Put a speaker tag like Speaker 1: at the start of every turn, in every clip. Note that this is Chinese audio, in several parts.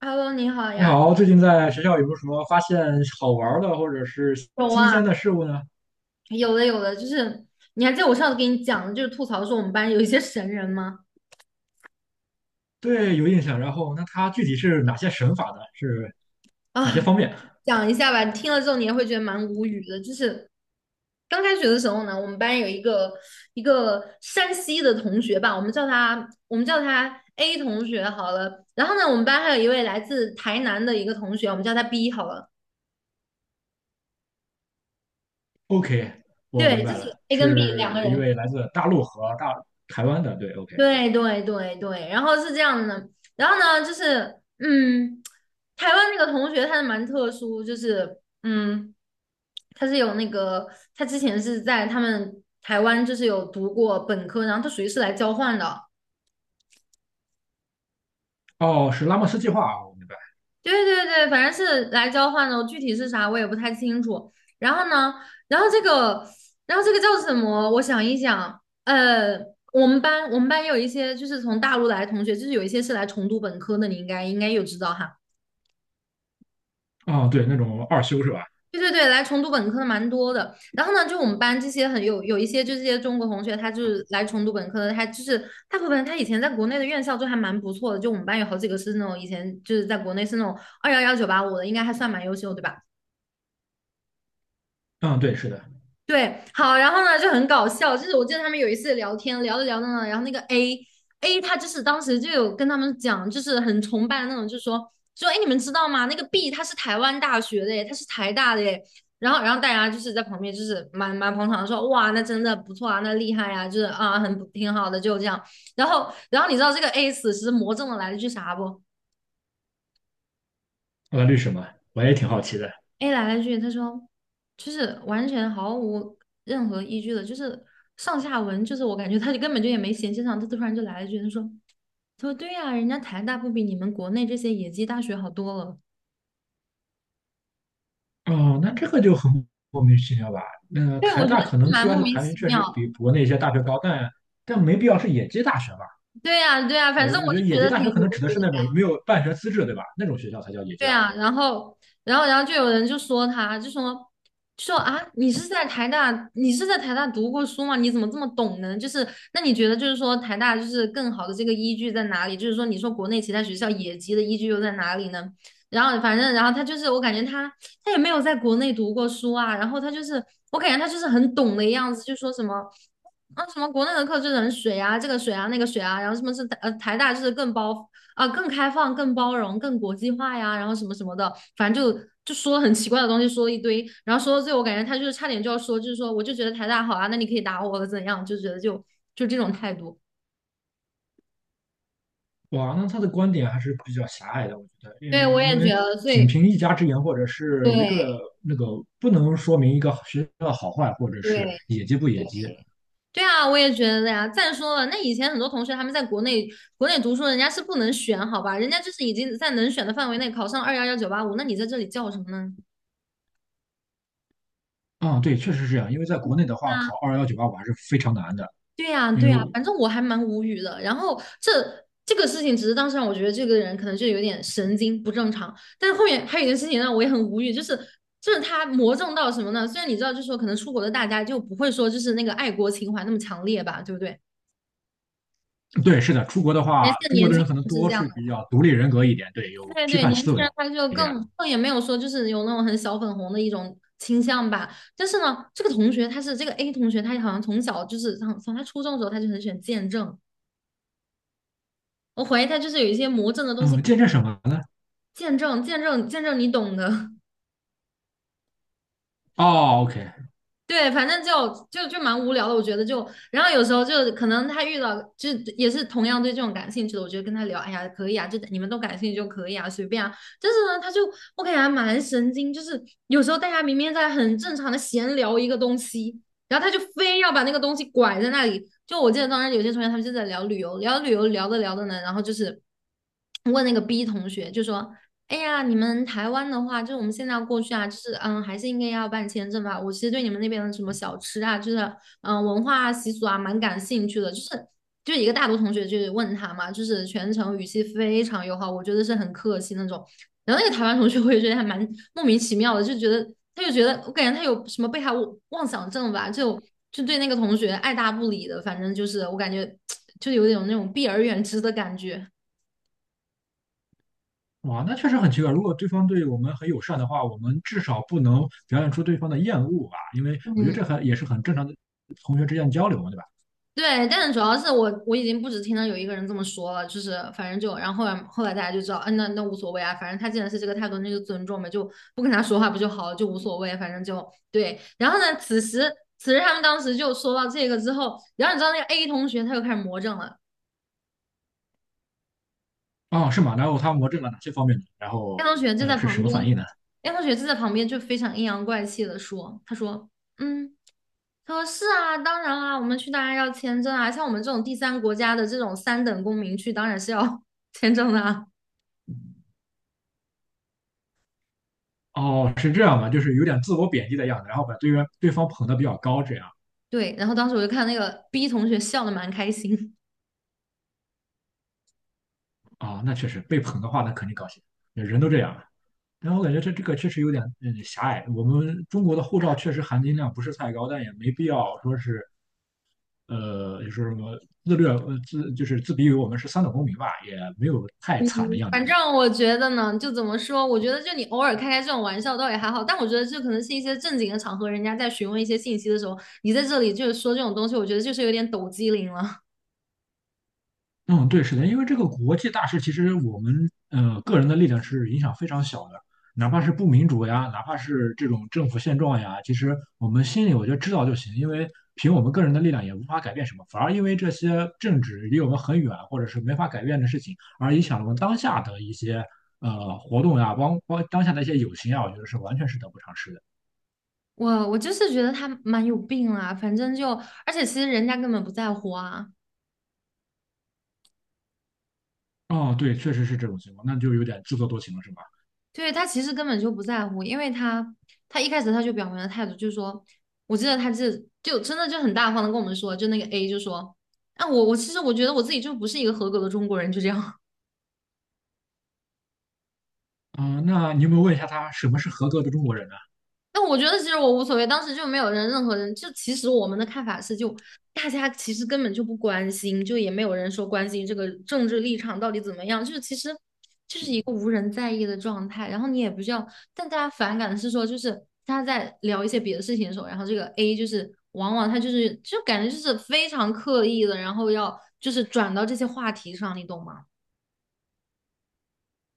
Speaker 1: Hello，你好
Speaker 2: 你
Speaker 1: 呀，
Speaker 2: 好，最近在学校有没有什么发现好玩儿的或者是
Speaker 1: 有
Speaker 2: 新
Speaker 1: 啊，
Speaker 2: 鲜的事物呢？
Speaker 1: 有的有的，就是你还记得我上次给你讲的，就是吐槽说我们班有一些神人吗？
Speaker 2: 对，有印象。然后，那它具体是哪些神法呢？是哪些
Speaker 1: 啊，
Speaker 2: 方面
Speaker 1: 讲一下吧，你听了之后你也会觉得蛮无语的。就是刚开学的时候呢，我们班有一个山西的同学吧，我们叫他 A 同学好了。然后呢，我们班还有一位来自台南的一个同学，我们叫他 B 好了。
Speaker 2: ？OK，我明
Speaker 1: 对，就
Speaker 2: 白
Speaker 1: 是
Speaker 2: 了，
Speaker 1: A 跟 B 两个
Speaker 2: 是一
Speaker 1: 人。
Speaker 2: 位来自大陆和大台湾的。对，OK。
Speaker 1: 对对对对，然后是这样的，然后呢，就是嗯，台湾那个同学他是蛮特殊，就是他是有那个，他之前是在他们台湾就是有读过本科，然后他属于是来交换的，
Speaker 2: 哦，是拉莫斯计划啊，我明白。
Speaker 1: 对对对，反正是来交换的，具体是啥我也不太清楚。然后呢，然后这个，然后这个叫什么？我想一想，呃，我们班有一些就是从大陆来的同学，就是有一些是来重读本科的，你应该有知道哈。
Speaker 2: 哦，对，那种二修是吧？
Speaker 1: 对对对，来重读本科的蛮多的。然后呢，就我们班这些很有一些就这些中国同学，他就是来重读本科的，他就是大部分他以前在国内的院校就还蛮不错的。就我们班有好几个是那种以前就是在国内是那种二幺幺九八五的，应该还算蛮优秀，对吧？
Speaker 2: 嗯，对，是的。
Speaker 1: 对，好，然后呢就很搞笑，就是我记得他们有一次聊天，聊着聊着呢，然后那个 A 他就是当时就有跟他们讲，就是很崇拜的那种，就说哎，诶你们知道吗？那个 B 他是台湾大学的耶，他是台大的耶。然后，大家就是在旁边就是蛮捧场的说，哇，那真的不错啊，那厉害啊，就是啊，很不挺好的，就这样。然后，你知道这个 A 死时魔怔的来了句啥不？
Speaker 2: 我律师嘛，我也挺好奇的。
Speaker 1: A 来了句，他说就是完全毫无任何依据的，就是上下文，就是我感觉他就根本就也没衔接上，他突然就来了一句，他说他说对呀、人家台大不比你们国内这些野鸡大学好多了。
Speaker 2: 哦，那这个就很莫名其妙吧？那
Speaker 1: 对，
Speaker 2: 台
Speaker 1: 我觉得
Speaker 2: 大
Speaker 1: 是
Speaker 2: 可能
Speaker 1: 蛮莫
Speaker 2: QS
Speaker 1: 名
Speaker 2: 排名
Speaker 1: 其
Speaker 2: 确
Speaker 1: 妙。
Speaker 2: 实比国内一些大学高，但没必要是野鸡大学吧？
Speaker 1: 对呀、对呀、反
Speaker 2: 我
Speaker 1: 正
Speaker 2: 我觉得
Speaker 1: 我
Speaker 2: 野
Speaker 1: 就觉
Speaker 2: 鸡
Speaker 1: 得
Speaker 2: 大
Speaker 1: 挺
Speaker 2: 学可能指
Speaker 1: 无
Speaker 2: 的
Speaker 1: 语
Speaker 2: 是那
Speaker 1: 的。
Speaker 2: 种没有办学资质，对吧？那种学校才叫野鸡
Speaker 1: 对
Speaker 2: 大学。
Speaker 1: 啊，然后，就有人就说他，就说啊，你是在台大，你是在台大读过书吗？你怎么这么懂呢？就是，那你觉得就是说台大就是更好的这个依据在哪里？就是说，你说国内其他学校野鸡的依据又在哪里呢？然后反正，然后他就是，我感觉他也没有在国内读过书啊，然后他就是，我感觉他就是很懂的样子，就说什么。啊，什么国内的课就是很水啊，这个水啊，那个水啊，然后什么是呃台大就是更开放、更包容、更国际化呀，然后什么什么的，反正就说了很奇怪的东西，说了一堆，然后说到最后，我感觉他就是差点就要说，就是说我就觉得台大好啊，那你可以打我怎样，就觉得就这种态度。
Speaker 2: 哇，那他的观点还是比较狭隘的，我觉得，
Speaker 1: 对，
Speaker 2: 嗯，
Speaker 1: 我也
Speaker 2: 因为
Speaker 1: 觉得，所
Speaker 2: 仅
Speaker 1: 以
Speaker 2: 凭一家之言或者是一
Speaker 1: 对
Speaker 2: 个那个，不能说明一个学校的好坏，或者是
Speaker 1: 对
Speaker 2: 野鸡不野鸡。
Speaker 1: 对啊，我也觉得呀。再说了，那以前很多同学他们在国内读书，人家是不能选，好吧，人家就是已经在能选的范围内考上二幺幺九八五，那你在这里叫什么呢？
Speaker 2: 啊、对，确实是这样。因为在国内的话，考211 985还是非常难的，
Speaker 1: 对呀，
Speaker 2: 因
Speaker 1: 对呀，
Speaker 2: 为
Speaker 1: 反正我还蛮无语的。然后这个事情，只是当时让我觉得这个人可能就有点神经不正常。但是后面还有一件事情让我也很无语，就是他魔怔到什么呢？虽然你知道，就是说可能出国的大家就不会说就是那个爱国情怀那么强烈吧，对不对？
Speaker 2: 对，是的，出国的
Speaker 1: 而
Speaker 2: 话，
Speaker 1: 且
Speaker 2: 中国
Speaker 1: 年
Speaker 2: 的
Speaker 1: 轻
Speaker 2: 人可能
Speaker 1: 人是
Speaker 2: 多
Speaker 1: 这样
Speaker 2: 数
Speaker 1: 的，
Speaker 2: 比较独立人格一点，对，有
Speaker 1: 对
Speaker 2: 批
Speaker 1: 对，
Speaker 2: 判
Speaker 1: 年
Speaker 2: 思
Speaker 1: 轻人
Speaker 2: 维
Speaker 1: 他就
Speaker 2: 这样。
Speaker 1: 更也没有说就是有那种很小粉红的一种倾向吧。但是呢，这个同学他是这个 A 同学，他好像从小就是从他初中的时候他就很喜欢见证。我怀疑他就是有一些魔怔的东西
Speaker 2: 嗯，见证什么呢？
Speaker 1: 见证见证见证，你懂的。
Speaker 2: 哦，OK，
Speaker 1: 对，反正就蛮无聊的，我觉得就，然后有时候就可能他遇到就也是同样对这种感兴趣的，我觉得跟他聊，哎呀，可以啊，就你们都感兴趣就可以啊，随便啊。但是呢，他就我感觉还蛮神经，就是有时候大家明明在很正常的闲聊一个东西，然后他就非要把那个东西拐在那里。就我记得当时有些同学他们就在聊旅游，聊着聊着呢，然后就是问那个 B 同学，就说："哎呀，你们台湾的话，就是我们现在要过去啊，就是还是应该要办签证吧。我其实对你们那边的什么小吃啊，就是文化啊习俗啊，蛮感兴趣的。就一个大多同学就问他嘛，就是全程语气非常友好，我觉得是很客气那种。然后那个台湾同学，我也觉得还蛮莫名其妙的，就觉得他就觉得我感觉他有什么被害妄想症吧，就对那个同学爱答不理的，反正就是我感觉就有点那种避而远之的感觉。
Speaker 2: 哇，那确实很奇怪。如果对方对我们很友善的话，我们至少不能表现出对方的厌恶吧，因为我觉得
Speaker 1: 嗯
Speaker 2: 这很也是很正常的同学之间的交流嘛，对吧？
Speaker 1: 对，但是主要是我已经不止听到有一个人这么说了，就是反正就然后后来大家就知道，嗯、那无所谓啊，反正他既然是这个态度，那就尊重呗，就不跟他说话不就好了，就无所谓，反正就对。然后呢，此时他们当时就说到这个之后，然后你知道那个 A 同学他又开始魔怔了。
Speaker 2: 哦，是吗？然后他魔怔了哪些方面呢？然
Speaker 1: 燕
Speaker 2: 后，
Speaker 1: 同学就在
Speaker 2: 是什
Speaker 1: 旁
Speaker 2: 么
Speaker 1: 边，
Speaker 2: 反应呢？
Speaker 1: 燕同学就在旁边就非常阴阳怪气的说："嗯，他说是啊，当然啦，我们去当然要签证啊，像我们这种第三国家的这种三等公民去，当然是要 签证的啊。"
Speaker 2: 哦，是这样吧，就是有点自我贬低的样子，然后把对方捧得比较高，这样
Speaker 1: 对，然后当时我就看那个 B 同学笑的蛮开心。
Speaker 2: 啊、那确实被捧的话，那肯定高兴，人都这样了。然后我感觉这个确实有点嗯狭隘。我们中国的护照确实含金量不是太高，但也没必要说是就是什么自虐，就是自比于我们是三等公民吧，也没有太
Speaker 1: 嗯，
Speaker 2: 惨的样子。
Speaker 1: 反正我觉得呢，就怎么说，我觉得就你偶尔开开这种玩笑倒也还好，但我觉得这可能是一些正经的场合，人家在询问一些信息的时候，你在这里就是说这种东西，我觉得就是有点抖机灵了。
Speaker 2: 嗯，对，是的，因为这个国际大事，其实我们个人的力量是影响非常小的，哪怕是不民主呀，哪怕是这种政府现状呀，其实我们心里我觉得知道就行，因为凭我们个人的力量也无法改变什么，反而因为这些政治离我们很远，或者是没法改变的事情，而影响了我们当下的一些活动呀，包当下的一些友情啊，我觉得是完全是得不偿失的。
Speaker 1: 我就是觉得他蛮有病啦，反正就，而且其实人家根本不在乎啊，
Speaker 2: 哦，对，确实是这种情况，那就有点自作多情了，是吧？
Speaker 1: 对，他其实根本就不在乎，因为他一开始他就表明了态度，就是说，我记得他这就真的就很大方的跟我们说，就那个 A 就说，啊我其实我觉得我自己就不是一个合格的中国人，就这样，
Speaker 2: 啊、那你有没有问一下他什么是合格的中国人呢？
Speaker 1: 那我觉得其实我无所谓，当时就没有人任何人，就其实我们的看法是就大家其实根本就不关心，就也没有人说关心这个政治立场到底怎么样，就是其实。无人在意的状态，然后你也不需要。但大家反感的是说，就是他在聊一些别的事情的时候，然后这个 A 就是往往他就是就感觉就是非常刻意的，然后要就是转到这些话题上，你懂吗？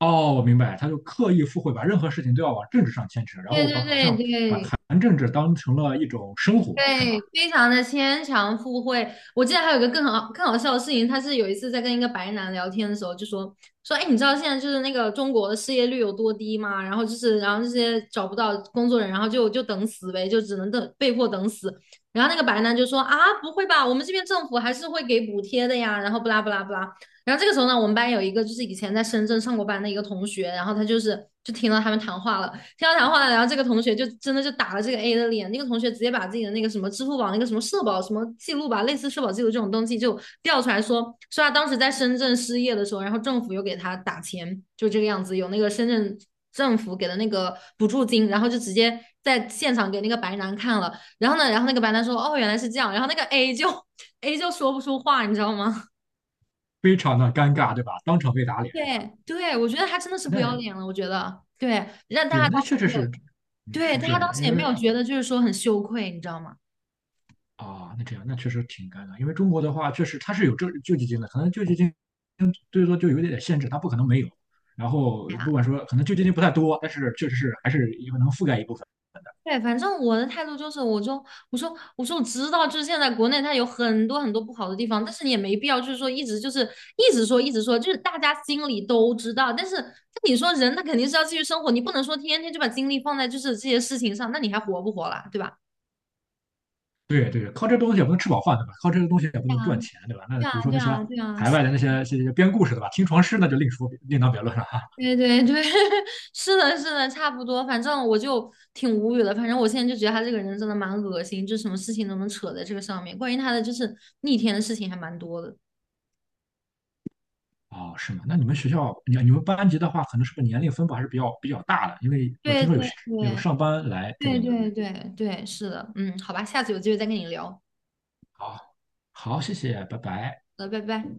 Speaker 2: 哦，我明白，他就刻意附会，把任何事情都要往政治上牵扯，然
Speaker 1: 对
Speaker 2: 后
Speaker 1: 对
Speaker 2: 把好
Speaker 1: 对
Speaker 2: 像把
Speaker 1: 对
Speaker 2: 谈政治当成了一种生活，是吧？
Speaker 1: 对，非常的牵强附会。我记得还有一个更好笑的事情，他是有一次在跟一个白男聊天的时候，就说，哎，你知道现在就是那个中国的失业率有多低吗？然后就是，然后这些找不到工作人，然后就等死呗，就只能等被迫等死。然后那个白男就说啊，不会吧，我们这边政府还是会给补贴的呀。然后不拉不拉不拉。然后这个时候呢，我们班有一个就是以前在深圳上过班的一个同学，然后他就是就听到他们谈话了。听到谈话呢，然后这个同学就真的就打了这个 A 的脸，那个同学直接把自己的那个什么支付宝那个什么社保什么记录吧，类似社保记录这种东西就调出来说，说他当时在深圳失业的时候，然后政府又给他打钱，就这个样子，有那个深圳政府给的那个补助金，然后就直接在现场给那个白男看了，然后呢，然后那个白男说，哦，原来是这样，然后那个 A 就说不出话，你知道吗？
Speaker 2: 非常的尴尬，对吧？当场被打 脸，是吧？
Speaker 1: 对对，我觉得他真的是不要
Speaker 2: 那
Speaker 1: 脸了，我觉得对，让大家
Speaker 2: 对，那
Speaker 1: 当时
Speaker 2: 确实
Speaker 1: 没
Speaker 2: 是，
Speaker 1: 有
Speaker 2: 嗯
Speaker 1: 对，
Speaker 2: 是
Speaker 1: 大
Speaker 2: 这
Speaker 1: 家
Speaker 2: 样
Speaker 1: 当
Speaker 2: 的，
Speaker 1: 时
Speaker 2: 因
Speaker 1: 也没有
Speaker 2: 为
Speaker 1: 觉得就是说很羞愧，你知道吗？
Speaker 2: 啊，那这样那确实挺尴尬，因为中国的话，确实它是有这救济金的，可能救济金最多就有一点点限制，它不可能没有。然后
Speaker 1: 对呀，
Speaker 2: 不管说，可能救济金不太多，但是确实是还是有能覆盖一部分。
Speaker 1: 对，反正我的态度就是，我说我知道，就是现在国内它有很多很多不好的地方，但是你也没必要就是说一直就是一直说一直说，就是大家心里都知道，但是那你说人他肯定是要继续生活，你不能说天天就把精力放在就是这些事情上，那你还活不活了，对吧？
Speaker 2: 对对，靠这个东西也不能吃饱饭，对吧？靠这个东西也不
Speaker 1: 对
Speaker 2: 能赚
Speaker 1: 啊，
Speaker 2: 钱，对吧？那
Speaker 1: 对
Speaker 2: 比如
Speaker 1: 啊，
Speaker 2: 说
Speaker 1: 对
Speaker 2: 那些
Speaker 1: 啊，对啊，
Speaker 2: 海外的那些这些编故事，的吧？听床师那就另说，另当别论了哈。
Speaker 1: 对 对对，是的，是的，差不多。反正我就挺无语的。反正我现在就觉得他这个人真的蛮恶心，就什么事情都能扯在这个上面。关于他的就是逆天的事情还蛮多的。
Speaker 2: 哦，是吗？那你们学校，你们班级的话，可能是不是年龄分布还是比较比较大的？因为我
Speaker 1: 对
Speaker 2: 听说有
Speaker 1: 对
Speaker 2: 有
Speaker 1: 对
Speaker 2: 上班来这
Speaker 1: 对
Speaker 2: 边的，对。
Speaker 1: 对对对，是的，嗯，好吧，下次有机会再跟你聊。
Speaker 2: 好，好，谢谢，拜拜。
Speaker 1: 好的拜拜。